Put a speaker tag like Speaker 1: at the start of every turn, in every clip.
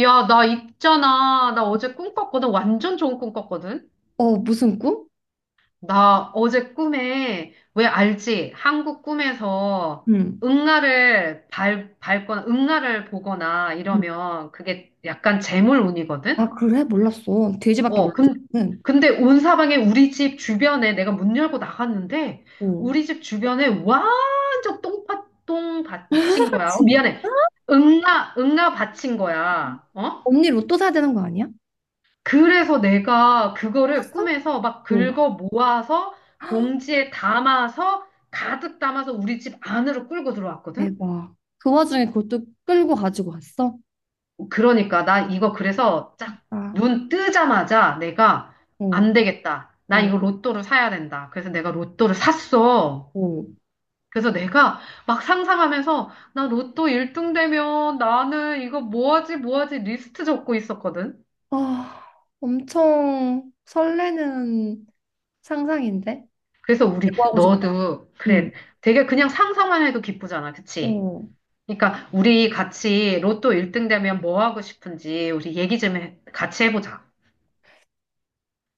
Speaker 1: 야, 나 있잖아. 나 어제 꿈 꿨거든. 완전 좋은 꿈 꿨거든.
Speaker 2: 어, 무슨 꿈?
Speaker 1: 나 어제 꿈에, 왜 알지? 한국 꿈에서
Speaker 2: 응.
Speaker 1: 응아를 밟거나, 응아를 보거나
Speaker 2: 음.
Speaker 1: 이러면 그게 약간
Speaker 2: 아,
Speaker 1: 재물운이거든?
Speaker 2: 그래? 몰랐어. 돼지밖에
Speaker 1: 어,
Speaker 2: 몰랐어.
Speaker 1: 근,
Speaker 2: 응.
Speaker 1: 근데 온 사방에 우리 집 주변에 내가 문 열고 나갔는데,
Speaker 2: 어.
Speaker 1: 우리 집 주변에 완전 똥밭똥 받친 거야. 어,
Speaker 2: 진-
Speaker 1: 미안해. 응아, 응아 받친 거야. 어?
Speaker 2: 언니 로또 사야 되는 거 아니야?
Speaker 1: 그래서 내가 그거를
Speaker 2: 샀어?
Speaker 1: 꿈에서 막
Speaker 2: 어.
Speaker 1: 긁어 모아서 봉지에 담아서 가득 담아서 우리 집 안으로 끌고 들어왔거든?
Speaker 2: 대박. 그 와중에 그것도 끌고 가지고 왔어?
Speaker 1: 그러니까 나 이거 그래서 쫙
Speaker 2: 아,
Speaker 1: 눈 뜨자마자 내가
Speaker 2: 어,
Speaker 1: 안 되겠다. 나
Speaker 2: 어,
Speaker 1: 이거 로또를 사야 된다. 그래서 내가 로또를 샀어.
Speaker 2: 어.
Speaker 1: 그래서 내가 막 상상하면서 나 로또 1등 되면 나는 이거 뭐하지 뭐하지 리스트 적고 있었거든.
Speaker 2: 아, 엄청 설레는 상상인데?
Speaker 1: 그래서 우리
Speaker 2: 뭐 하고 싶어?
Speaker 1: 너도
Speaker 2: 응,
Speaker 1: 그래 되게 그냥 상상만 해도 기쁘잖아. 그치?
Speaker 2: 어.
Speaker 1: 그러니까 우리 같이 로또 1등 되면 뭐 하고 싶은지 우리 얘기 좀 해, 같이 해보자.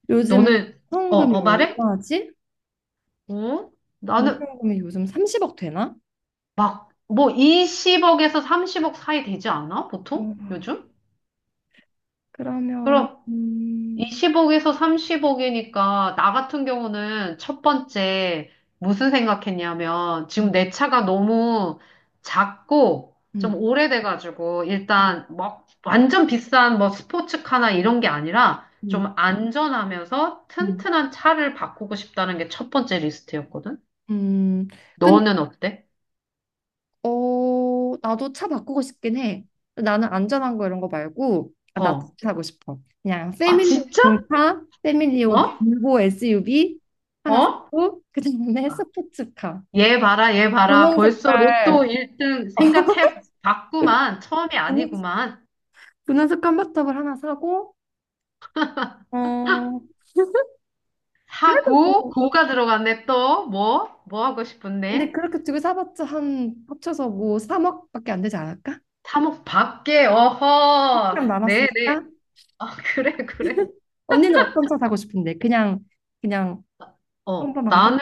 Speaker 2: 요즘
Speaker 1: 너는
Speaker 2: 당첨금이
Speaker 1: 말해?
Speaker 2: 얼마지?
Speaker 1: 어? 나는
Speaker 2: 당첨금이 요즘 30억 되나?
Speaker 1: 막 뭐 20억에서 30억 사이 되지 않아?
Speaker 2: 어,
Speaker 1: 보통? 요즘?
Speaker 2: 그러면,
Speaker 1: 그럼 20억에서 30억이니까 나 같은 경우는 첫 번째 무슨 생각했냐면 지금
Speaker 2: 응,
Speaker 1: 내 차가 너무 작고 좀
Speaker 2: 응.
Speaker 1: 오래돼가지고 일단 막 완전 비싼 뭐 스포츠카나 이런 게 아니라
Speaker 2: 음,
Speaker 1: 좀 안전하면서
Speaker 2: 음,
Speaker 1: 튼튼한 차를 바꾸고 싶다는 게 첫 번째 리스트였거든.
Speaker 2: 음. 근데,
Speaker 1: 너는 어때?
Speaker 2: 어, 나도 차 바꾸고 싶긴 해. 나는 안전한 거 이런 거 말고, 아, 나
Speaker 1: 어.
Speaker 2: 진짜 사고 싶어. 그냥
Speaker 1: 아,
Speaker 2: 패밀리용
Speaker 1: 진짜?
Speaker 2: 차, 패밀리용
Speaker 1: 어?
Speaker 2: 볼보 SUV 하나
Speaker 1: 어?
Speaker 2: 사고, 그 다음에
Speaker 1: 아,
Speaker 2: 스포츠카.
Speaker 1: 얘 봐라, 얘 봐라.
Speaker 2: 분홍
Speaker 1: 벌써
Speaker 2: 색깔,
Speaker 1: 로또 1등 생각해 봤구만. 처음이
Speaker 2: 분홍
Speaker 1: 아니구만.
Speaker 2: 분홍 색 깜바탑을 하나 사고, 어, 그래도
Speaker 1: 사고,
Speaker 2: 뭐,
Speaker 1: 고가 들어갔네, 또. 뭐? 뭐 하고
Speaker 2: 근데
Speaker 1: 싶은데?
Speaker 2: 그렇게 두 개 사봤자 한 합쳐서 뭐 3억밖에 안 되지 않을까?
Speaker 1: 사목 밖에, 어허.
Speaker 2: 1억
Speaker 1: 네, 네.
Speaker 2: 남았으니까.
Speaker 1: 아, 그래, 그래.
Speaker 2: 언니는 어떤 차 사고 싶은데? 그냥
Speaker 1: 어,
Speaker 2: 평범한 거?
Speaker 1: 나는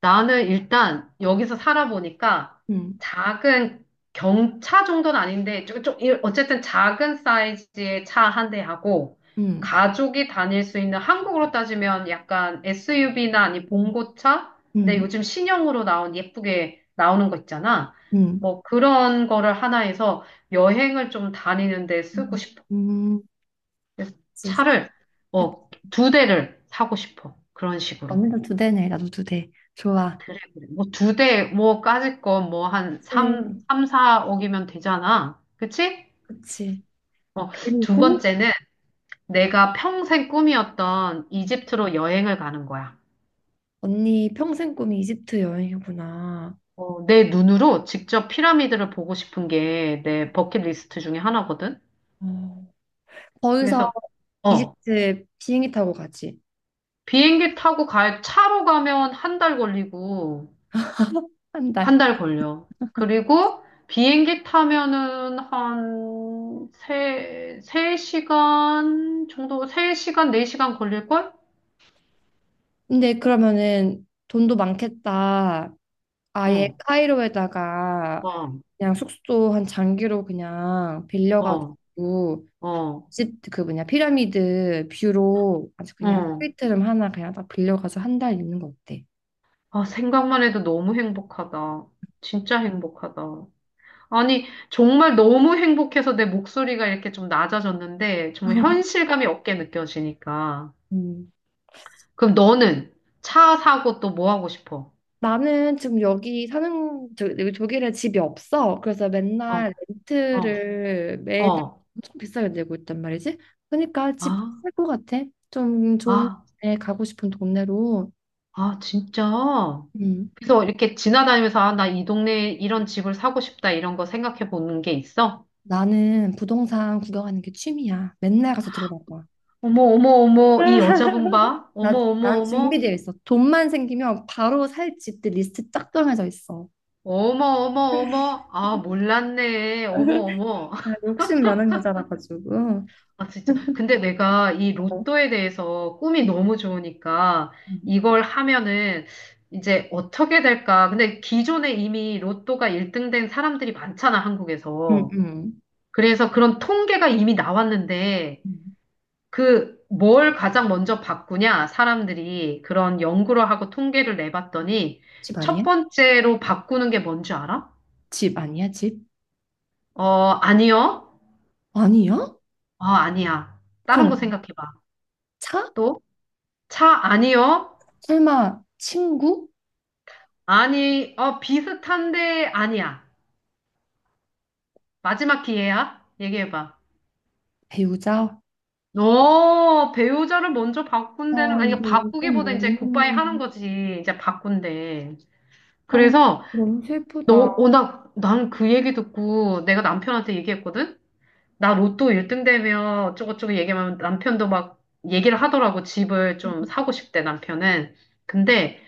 Speaker 1: 나는 일단 여기서 살아보니까
Speaker 2: 응,
Speaker 1: 작은 경차 정도는 아닌데, 어쨌든 작은 사이즈의 차 한 대하고,
Speaker 2: 응,
Speaker 1: 가족이 다닐 수 있는 한국으로 따지면 약간 SUV나 아니 봉고차? 근데
Speaker 2: 응,
Speaker 1: 요즘 신형으로 나온 예쁘게 나오는 거 있잖아.
Speaker 2: 응,
Speaker 1: 뭐 그런 거를 하나 해서 여행을 좀 다니는데 쓰고
Speaker 2: 응,
Speaker 1: 싶어.
Speaker 2: 응.
Speaker 1: 그래서
Speaker 2: 그치, 그치.
Speaker 1: 차를, 두 대를 사고 싶어. 그런 식으로.
Speaker 2: 언니도 두 대네, 나도 두 대. 좋아.
Speaker 1: 뭐 두 대, 뭐 까짓 거 뭐 한
Speaker 2: 그치,
Speaker 1: 삼삼사억이면 되잖아. 그치?
Speaker 2: 그치.
Speaker 1: 어, 두
Speaker 2: 그리고
Speaker 1: 번째는 내가 평생 꿈이었던 이집트로 여행을 가는 거야.
Speaker 2: 언니 평생 꿈이 이집트 여행이구나.
Speaker 1: 어, 내 눈으로 직접 피라미드를 보고 싶은 게 내 버킷리스트 중에 하나거든.
Speaker 2: 어. 거기서
Speaker 1: 그래서, 어,
Speaker 2: 이집트 비행기 타고 가지.
Speaker 1: 차로 가면 한 달 걸리고,
Speaker 2: 한
Speaker 1: 한
Speaker 2: 달.
Speaker 1: 달 걸려. 그리고 비행기 타면은 한 3시간 정도, 3시간 4시간 걸릴걸?
Speaker 2: 근데 그러면은 돈도 많겠다. 아예
Speaker 1: 응,
Speaker 2: 카이로에다가
Speaker 1: 어,
Speaker 2: 그냥 숙소 한 장기로 그냥
Speaker 1: 어,
Speaker 2: 빌려가지고
Speaker 1: 어,
Speaker 2: 집 그 뭐냐 피라미드 뷰로 아주 그냥
Speaker 1: 어.
Speaker 2: 스위트룸 하나 그냥 딱 빌려가서 한 달 있는 거 어때?
Speaker 1: 아, 생각만 해도 너무 행복하다. 진짜 행복하다. 아니, 정말 너무 행복해서 내 목소리가 이렇게 좀 낮아졌는데, 정말 현실감이 없게 느껴지니까.
Speaker 2: 음.
Speaker 1: 그럼 너는 차 사고 또 뭐 하고 싶어?
Speaker 2: 나는 지금 여기 사는 저, 여기 독일에 집이 없어. 그래서
Speaker 1: 어,
Speaker 2: 맨날
Speaker 1: 어,
Speaker 2: 렌트를 매달
Speaker 1: 어.
Speaker 2: 엄청 비싸게 내고 있단 말이지. 그러니까 집
Speaker 1: 아,
Speaker 2: 살 것 같아. 좀 좋은
Speaker 1: 아.
Speaker 2: 데 가고 싶은 동네로.
Speaker 1: 아, 진짜?
Speaker 2: 음.
Speaker 1: 그래서 이렇게 지나다니면서, 아, 나 이 동네에 이런 집을 사고 싶다, 이런 거 생각해 보는 게 있어?
Speaker 2: 나는 부동산 구경하는 게 취미야. 맨날 가서 들어가 봐.
Speaker 1: 어머, 어머, 어머, 이 여자분 봐?
Speaker 2: 나,
Speaker 1: 어머, 어머,
Speaker 2: 난
Speaker 1: 어머,
Speaker 2: 준비되어 있어. 돈만 생기면 바로 살 집들 리스트 쫙 정해져 있어.
Speaker 1: 어머, 어머, 어머, 아, 몰랐네. 어머, 어머.
Speaker 2: 아, 욕심 많은 여자라 가지고.
Speaker 1: 아, 진짜. 근데 내가 이
Speaker 2: 어.
Speaker 1: 로또에 대해서 꿈이 너무 좋으니까
Speaker 2: 음,
Speaker 1: 이걸 하면은 이제 어떻게 될까? 근데 기존에 이미 로또가 1등 된 사람들이 많잖아,
Speaker 2: 음,
Speaker 1: 한국에서.
Speaker 2: 음.
Speaker 1: 그래서 그런 통계가 이미 나왔는데,
Speaker 2: 음.
Speaker 1: 그 뭘 가장 먼저 바꾸냐? 사람들이 그런 연구를 하고 통계를 내봤더니
Speaker 2: 집
Speaker 1: 첫
Speaker 2: 아니야?
Speaker 1: 번째로 바꾸는 게 뭔지 알아?
Speaker 2: 집 아니야? 집?
Speaker 1: 어, 아니요.
Speaker 2: 아니야?
Speaker 1: 어, 아니야. 다른 거
Speaker 2: 그럼
Speaker 1: 생각해봐.
Speaker 2: 차?
Speaker 1: 또, 차 아니요.
Speaker 2: 설마 친구?
Speaker 1: 아니, 어, 비슷한데 아니야. 마지막 기회야. 얘기해봐.
Speaker 2: 배우자?
Speaker 1: 어, 배우자를 먼저
Speaker 2: 아,
Speaker 1: 바꾼다는, 아니, 이거
Speaker 2: 근데 이건
Speaker 1: 바꾸기보다 이제 굿바이
Speaker 2: 너무,
Speaker 1: 하는 거지. 이제 바꾼대.
Speaker 2: 아, 근데
Speaker 1: 그래서,
Speaker 2: 너무 슬프다.
Speaker 1: 난 그 얘기 듣고 내가 남편한테 얘기했거든? 나 로또 1등 되면 어쩌고저쩌고 얘기하면 남편도 막 얘기를 하더라고. 집을 좀 사고 싶대, 남편은. 근데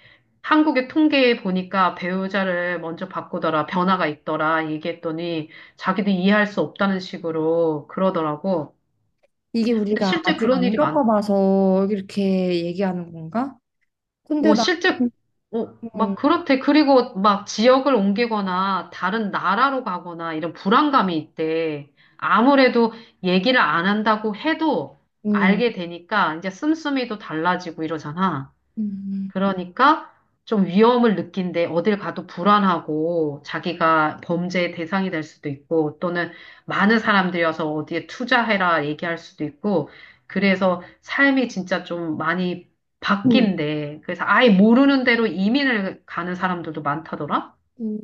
Speaker 1: 한국의 통계에 보니까 배우자를 먼저 바꾸더라, 변화가 있더라 얘기했더니 자기도 이해할 수 없다는 식으로 그러더라고.
Speaker 2: 이게
Speaker 1: 근데
Speaker 2: 우리가
Speaker 1: 실제
Speaker 2: 아직
Speaker 1: 그런
Speaker 2: 안
Speaker 1: 일이 많
Speaker 2: 겪어봐서 이렇게 얘기하는 건가? 근데 나,
Speaker 1: 실제,
Speaker 2: 음,
Speaker 1: 막 그렇대. 그리고 막 지역을 옮기거나 다른 나라로 가거나 이런 불안감이 있대. 아무래도 얘기를 안 한다고 해도
Speaker 2: 음, 음,
Speaker 1: 알게 되니까 이제 씀씀이도 달라지고 이러잖아.
Speaker 2: 음,
Speaker 1: 그러니까 좀 위험을 느낀데 어딜 가도 불안하고 자기가 범죄의 대상이 될 수도 있고 또는 많은 사람들이 와서 어디에 투자해라 얘기할 수도 있고 그래서 삶이 진짜 좀 많이
Speaker 2: 음.
Speaker 1: 바뀐대. 그래서 아예 모르는 대로 이민을 가는 사람들도 많다더라?
Speaker 2: 음.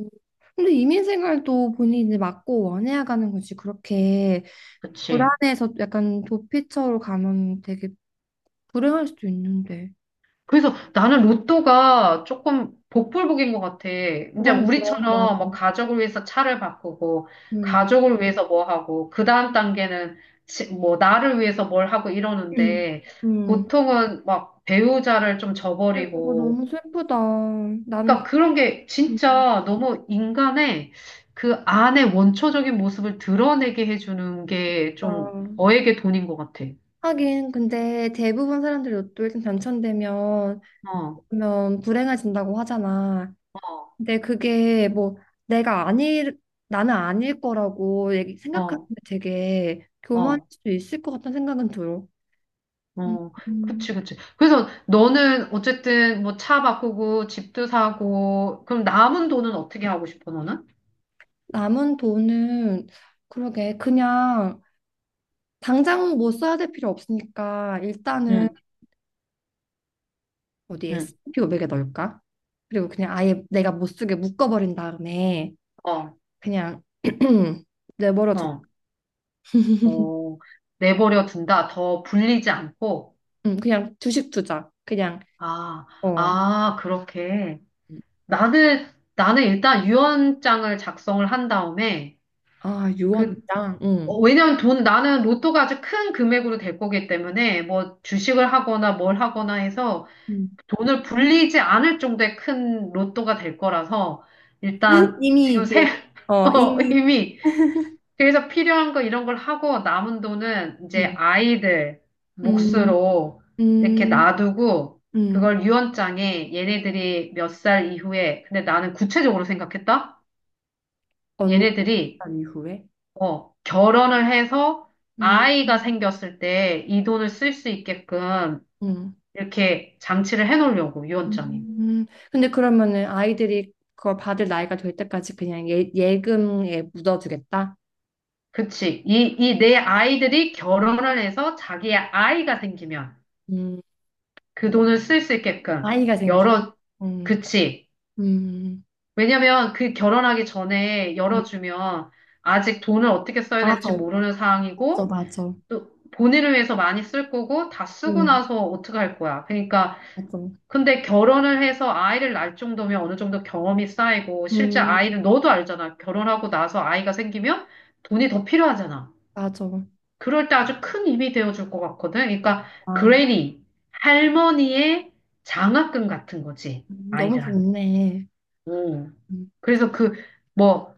Speaker 2: 근데 이민 생활도 본인이 이제 맞고 원해야 가는 거지. 그렇게
Speaker 1: 그치?
Speaker 2: 불안해서 약간 도피처로 가면 되게 불행할 수도 있는데.
Speaker 1: 그래서 나는 로또가 조금 복불복인 것 같아. 이제
Speaker 2: 그건 그래, 맞아.
Speaker 1: 우리처럼 뭐 가족을 위해서 차를 바꾸고,
Speaker 2: 음,
Speaker 1: 가족을 위해서 뭐 하고, 그 다음 단계는 뭐 나를 위해서 뭘 하고
Speaker 2: 음,
Speaker 1: 이러는데,
Speaker 2: 음.
Speaker 1: 보통은 막 배우자를 좀
Speaker 2: 근데 그거
Speaker 1: 저버리고,
Speaker 2: 너무 슬프다. 나는
Speaker 1: 그러니까 그런 게
Speaker 2: 음.
Speaker 1: 진짜 너무 인간의 그 안의 원초적인 모습을 드러내게 해주는 게 좀
Speaker 2: 어,
Speaker 1: 너에게 돈인 것 같아.
Speaker 2: 하긴 근데 대부분 사람들이 로또 1등 당첨되면
Speaker 1: 어,
Speaker 2: 그러면 불행해진다고 하잖아.
Speaker 1: 어,
Speaker 2: 근데 그게 뭐 내가 아닐 나는 아닐 거라고 생각하면
Speaker 1: 어,
Speaker 2: 되게 교만할
Speaker 1: 어.
Speaker 2: 수 있을 것 같다는 생각은 들어. 음,
Speaker 1: 어,
Speaker 2: 음.
Speaker 1: 그치, 그치. 그래서 너는 어쨌든 뭐 차 바꾸고 집도 사고, 그럼 남은 돈은 어떻게 하고 싶어, 너는?
Speaker 2: 남은 돈은 그러게 그냥 당장 뭐 써야 될 필요 없으니까 일단은
Speaker 1: 응,
Speaker 2: 어디
Speaker 1: 응,
Speaker 2: S&P 500에 넣을까? 그리고 그냥 아예 내가 못 쓰게 묶어버린 다음에
Speaker 1: 어,
Speaker 2: 그냥 내버려 두
Speaker 1: 어, 어, 내버려 둔다. 더 불리지 않고.
Speaker 2: 그냥 주식 투자 그냥
Speaker 1: 아,
Speaker 2: 어
Speaker 1: 아, 그렇게. 나는, 나는 일단 유언장을 작성을 한 다음에,
Speaker 2: 아
Speaker 1: 그,
Speaker 2: 유언장 응
Speaker 1: 왜냐면 나는 로또가 아주 큰 금액으로 될 거기 때문에, 뭐 주식을 하거나 뭘 하거나 해서, 돈을 불리지 않을 정도의 큰 로또가 될 거라서 일단
Speaker 2: 이미
Speaker 1: 지금
Speaker 2: 이제 어 이미
Speaker 1: 이미 그래서 필요한 거 이런 걸 하고 남은 돈은 이제
Speaker 2: 음,
Speaker 1: 아이들
Speaker 2: 음,
Speaker 1: 몫으로 이렇게
Speaker 2: 음,
Speaker 1: 놔두고
Speaker 2: 음,
Speaker 1: 그걸 유언장에 얘네들이 몇 살 이후에 근데 나는 구체적으로 생각했다?
Speaker 2: 언산
Speaker 1: 얘네들이
Speaker 2: 이후에
Speaker 1: 결혼을 해서
Speaker 2: 음,
Speaker 1: 아이가 생겼을 때 이 돈을 쓸 수 있게끔
Speaker 2: 음.
Speaker 1: 이렇게 장치를 해놓으려고 유언장에.
Speaker 2: 음. 근데 그러면은 아이들이 그걸 받을 나이가 될 때까지 그냥 예, 예금에 묻어두겠다.
Speaker 1: 그치. 이 내 아이들이 결혼을 해서 자기의 아이가 생기면
Speaker 2: 음,
Speaker 1: 그 돈을 쓸 수 있게끔
Speaker 2: 아이가 생기.
Speaker 1: 열어,
Speaker 2: 음,
Speaker 1: 그치.
Speaker 2: 음,
Speaker 1: 왜냐면 그 결혼하기 전에
Speaker 2: 음,
Speaker 1: 열어주면 아직 돈을 어떻게 써야
Speaker 2: 맞아
Speaker 1: 될지 모르는
Speaker 2: 맞아
Speaker 1: 상황이고
Speaker 2: 맞아.
Speaker 1: 또 본인을 위해서 많이 쓸 거고 다 쓰고
Speaker 2: 음,
Speaker 1: 나서 어떻게 할 거야. 그러니까
Speaker 2: 맞아.
Speaker 1: 근데 결혼을 해서 아이를 낳을 정도면 어느 정도 경험이 쌓이고 실제
Speaker 2: 음
Speaker 1: 아이를 너도 알잖아. 결혼하고 나서 아이가 생기면 돈이 더 필요하잖아.
Speaker 2: 맞아.
Speaker 1: 그럴 때 아주 큰 힘이 되어줄 것 같거든. 그러니까
Speaker 2: 와,
Speaker 1: 그레니, 할머니의 장학금 같은 거지,
Speaker 2: 너무
Speaker 1: 아이들한테.
Speaker 2: 좋네.
Speaker 1: 음.
Speaker 2: 음.
Speaker 1: 그래서 뭐,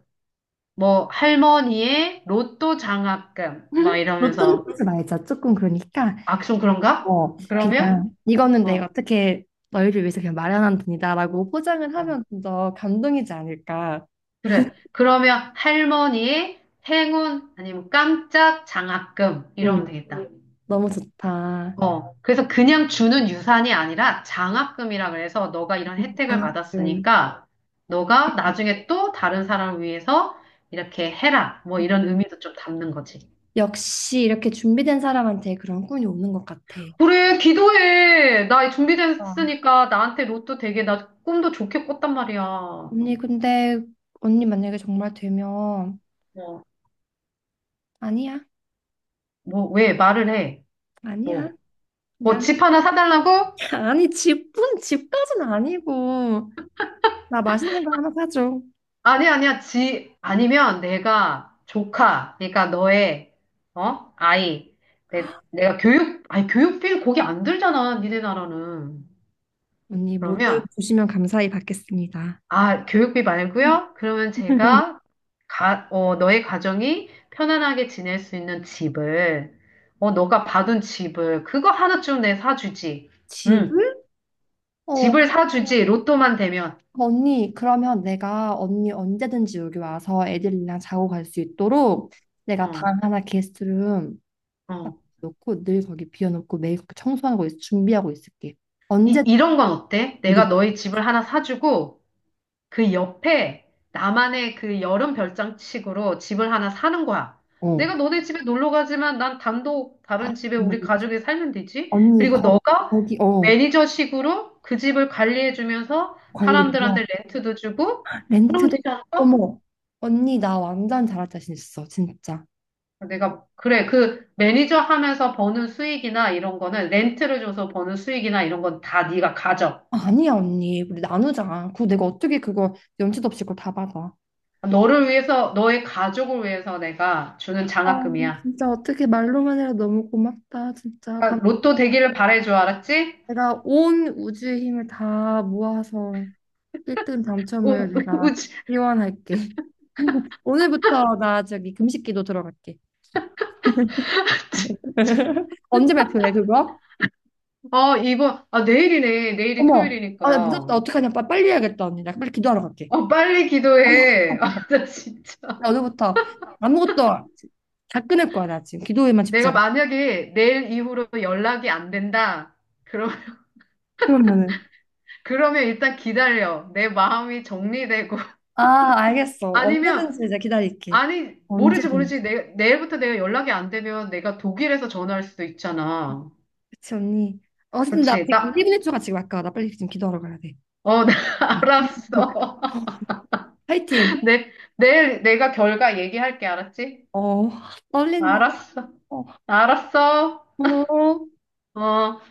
Speaker 1: 할머니의 로또 장학금, 막
Speaker 2: 로또는
Speaker 1: 이러면서,
Speaker 2: 하지 말자 조금 그러니까
Speaker 1: 아, 좀 그런가?
Speaker 2: 어,
Speaker 1: 그러면,
Speaker 2: 그냥 이거는
Speaker 1: 어,
Speaker 2: 내가 어떻게 너희를 위해서 그냥 마련한 돈이다라고 포장을
Speaker 1: 어,
Speaker 2: 하면 좀 더 감동이지 않을까.
Speaker 1: 그래. 그러면 할머니의 행운, 아니면 깜짝 장학금, 이러면
Speaker 2: 음,
Speaker 1: 되겠다.
Speaker 2: 너무 좋다.
Speaker 1: 어, 그래서 그냥 주는 유산이 아니라 장학금이라 그래서 너가 이런 혜택을
Speaker 2: 장학금.
Speaker 1: 받았으니까 너가 나중에 또 다른 사람을 위해서 이렇게 해라. 뭐 이런 의미도 좀 담는 거지.
Speaker 2: 역시 이렇게 준비된 사람한테 그런 꿈이 오는 것 같아.
Speaker 1: 그래, 기도해. 나
Speaker 2: 아,
Speaker 1: 준비됐으니까 나한테 로또 되게 나 꿈도 좋게 꿨단 말이야.
Speaker 2: 언니 근데 언니 만약에 정말 되면
Speaker 1: 뭐,
Speaker 2: 아니야,
Speaker 1: 뭐, 왜 말을 해?
Speaker 2: 아니야.
Speaker 1: 뭐, 뭐
Speaker 2: 그냥
Speaker 1: 집 하나 사달라고?
Speaker 2: 아니 집은 집까지는 아니고 나 맛있는 거 하나 사줘.
Speaker 1: 아니, 아니야. 아니면 내가 조카, 그러니까 너의, 어? 아이. 내가 아니, 교육비 거기 안 들잖아. 니네 나라는.
Speaker 2: 언니 모두
Speaker 1: 그러면,
Speaker 2: 주시면 감사히 받겠습니다.
Speaker 1: 아, 교육비 말고요? 그러면 제가, 너의 가정이 편안하게 지낼 수 있는 집을, 너가 받은 집을, 그거 하나쯤 내 사주지. 응.
Speaker 2: 집을? 어,
Speaker 1: 집을 사주지. 로또만 되면.
Speaker 2: 언니, 그러면 내가 언니 언제든지 여기 와서 애들이랑 자고 갈 수 있도록 내가
Speaker 1: 어,
Speaker 2: 방 하나 게스트룸 딱
Speaker 1: 어.
Speaker 2: 놓고 늘 거기 비워놓고 매일 그렇게 청소하고 있, 준비하고 있을게.
Speaker 1: 이,
Speaker 2: 언제
Speaker 1: 이런 건 어때?
Speaker 2: 애들이
Speaker 1: 내가 너의 집을 하나 사주고, 그 옆에 나만의 그 여름 별장식으로 집을 하나 사는 거야.
Speaker 2: 어
Speaker 1: 내가 너네 집에 놀러 가지만 난 단독 다른 집에 우리
Speaker 2: 한번-
Speaker 1: 가족이 살면 되지.
Speaker 2: 언니
Speaker 1: 그리고
Speaker 2: 거,
Speaker 1: 너가
Speaker 2: 거기 어
Speaker 1: 매니저식으로 그 집을 관리해주면서
Speaker 2: 관리
Speaker 1: 사람들한테
Speaker 2: 맨날
Speaker 1: 렌트도 주고 그러면
Speaker 2: 렌트도
Speaker 1: 되지 않을까?
Speaker 2: 어머 언니 나 완전 잘할 자신 있어 진짜.
Speaker 1: 내가 그래 그 매니저 하면서 버는 수익이나 이런 거는 렌트를 줘서 버는 수익이나 이런 건 다 네가 가져.
Speaker 2: 아니야 언니 우리 나누자. 그 내가 어떻게 그거 염치도 없이 그걸 다 받아.
Speaker 1: 너를 위해서 너의 가족을 위해서 내가 주는
Speaker 2: 어,
Speaker 1: 장학금이야.
Speaker 2: 진짜 어떻게 말로만 해도 너무 고맙다. 진짜
Speaker 1: 아,
Speaker 2: 감
Speaker 1: 로또 되기를 바래줘, 알았지?
Speaker 2: 내가 온 우주의 힘을 다 모아서 1등
Speaker 1: 우, 우,
Speaker 2: 당첨을 내가
Speaker 1: 우,
Speaker 2: 기원할게. 오늘부터 나 저기 금식기도 들어갈게. 언제 발표해 그거?
Speaker 1: 아, 내일이네. 내일이
Speaker 2: 어머, 아, 나
Speaker 1: 토요일이니까.
Speaker 2: 늦었다. 어떡하냐. 빨리 해야겠다 언니. 나 빨리 기도하러 갈게.
Speaker 1: 어, 빨리 기도해. 아, 나
Speaker 2: 나
Speaker 1: 진짜.
Speaker 2: 오늘부터 아무것도 다 끊을 거야 나 지금 기도에만 집중.
Speaker 1: 내가 만약에 내일 이후로 연락이 안 된다. 그럼,
Speaker 2: 그러면은
Speaker 1: 그러면 일단 기다려. 내 마음이 정리되고.
Speaker 2: 아 알겠어.
Speaker 1: 아니면,
Speaker 2: 언제든지 이제 기다릴게.
Speaker 1: 아니, 모르지,
Speaker 2: 언제든지.
Speaker 1: 모르지. 내일부터 내가 연락이 안 되면 내가 독일에서 전화할 수도 있잖아.
Speaker 2: 그치 언니. 어, 근데 나
Speaker 1: 그치.
Speaker 2: 지금 1분 1초가 지금 아까 나 빨리 지금 기도하러 가야 돼.
Speaker 1: 나
Speaker 2: 어.
Speaker 1: 알았어.
Speaker 2: 화이팅.
Speaker 1: 내, 내일 내가 결과 얘기할게, 알았지?
Speaker 2: 어, 떨린다.
Speaker 1: 알았어.
Speaker 2: 어.
Speaker 1: 알았어.
Speaker 2: 어.
Speaker 1: 어.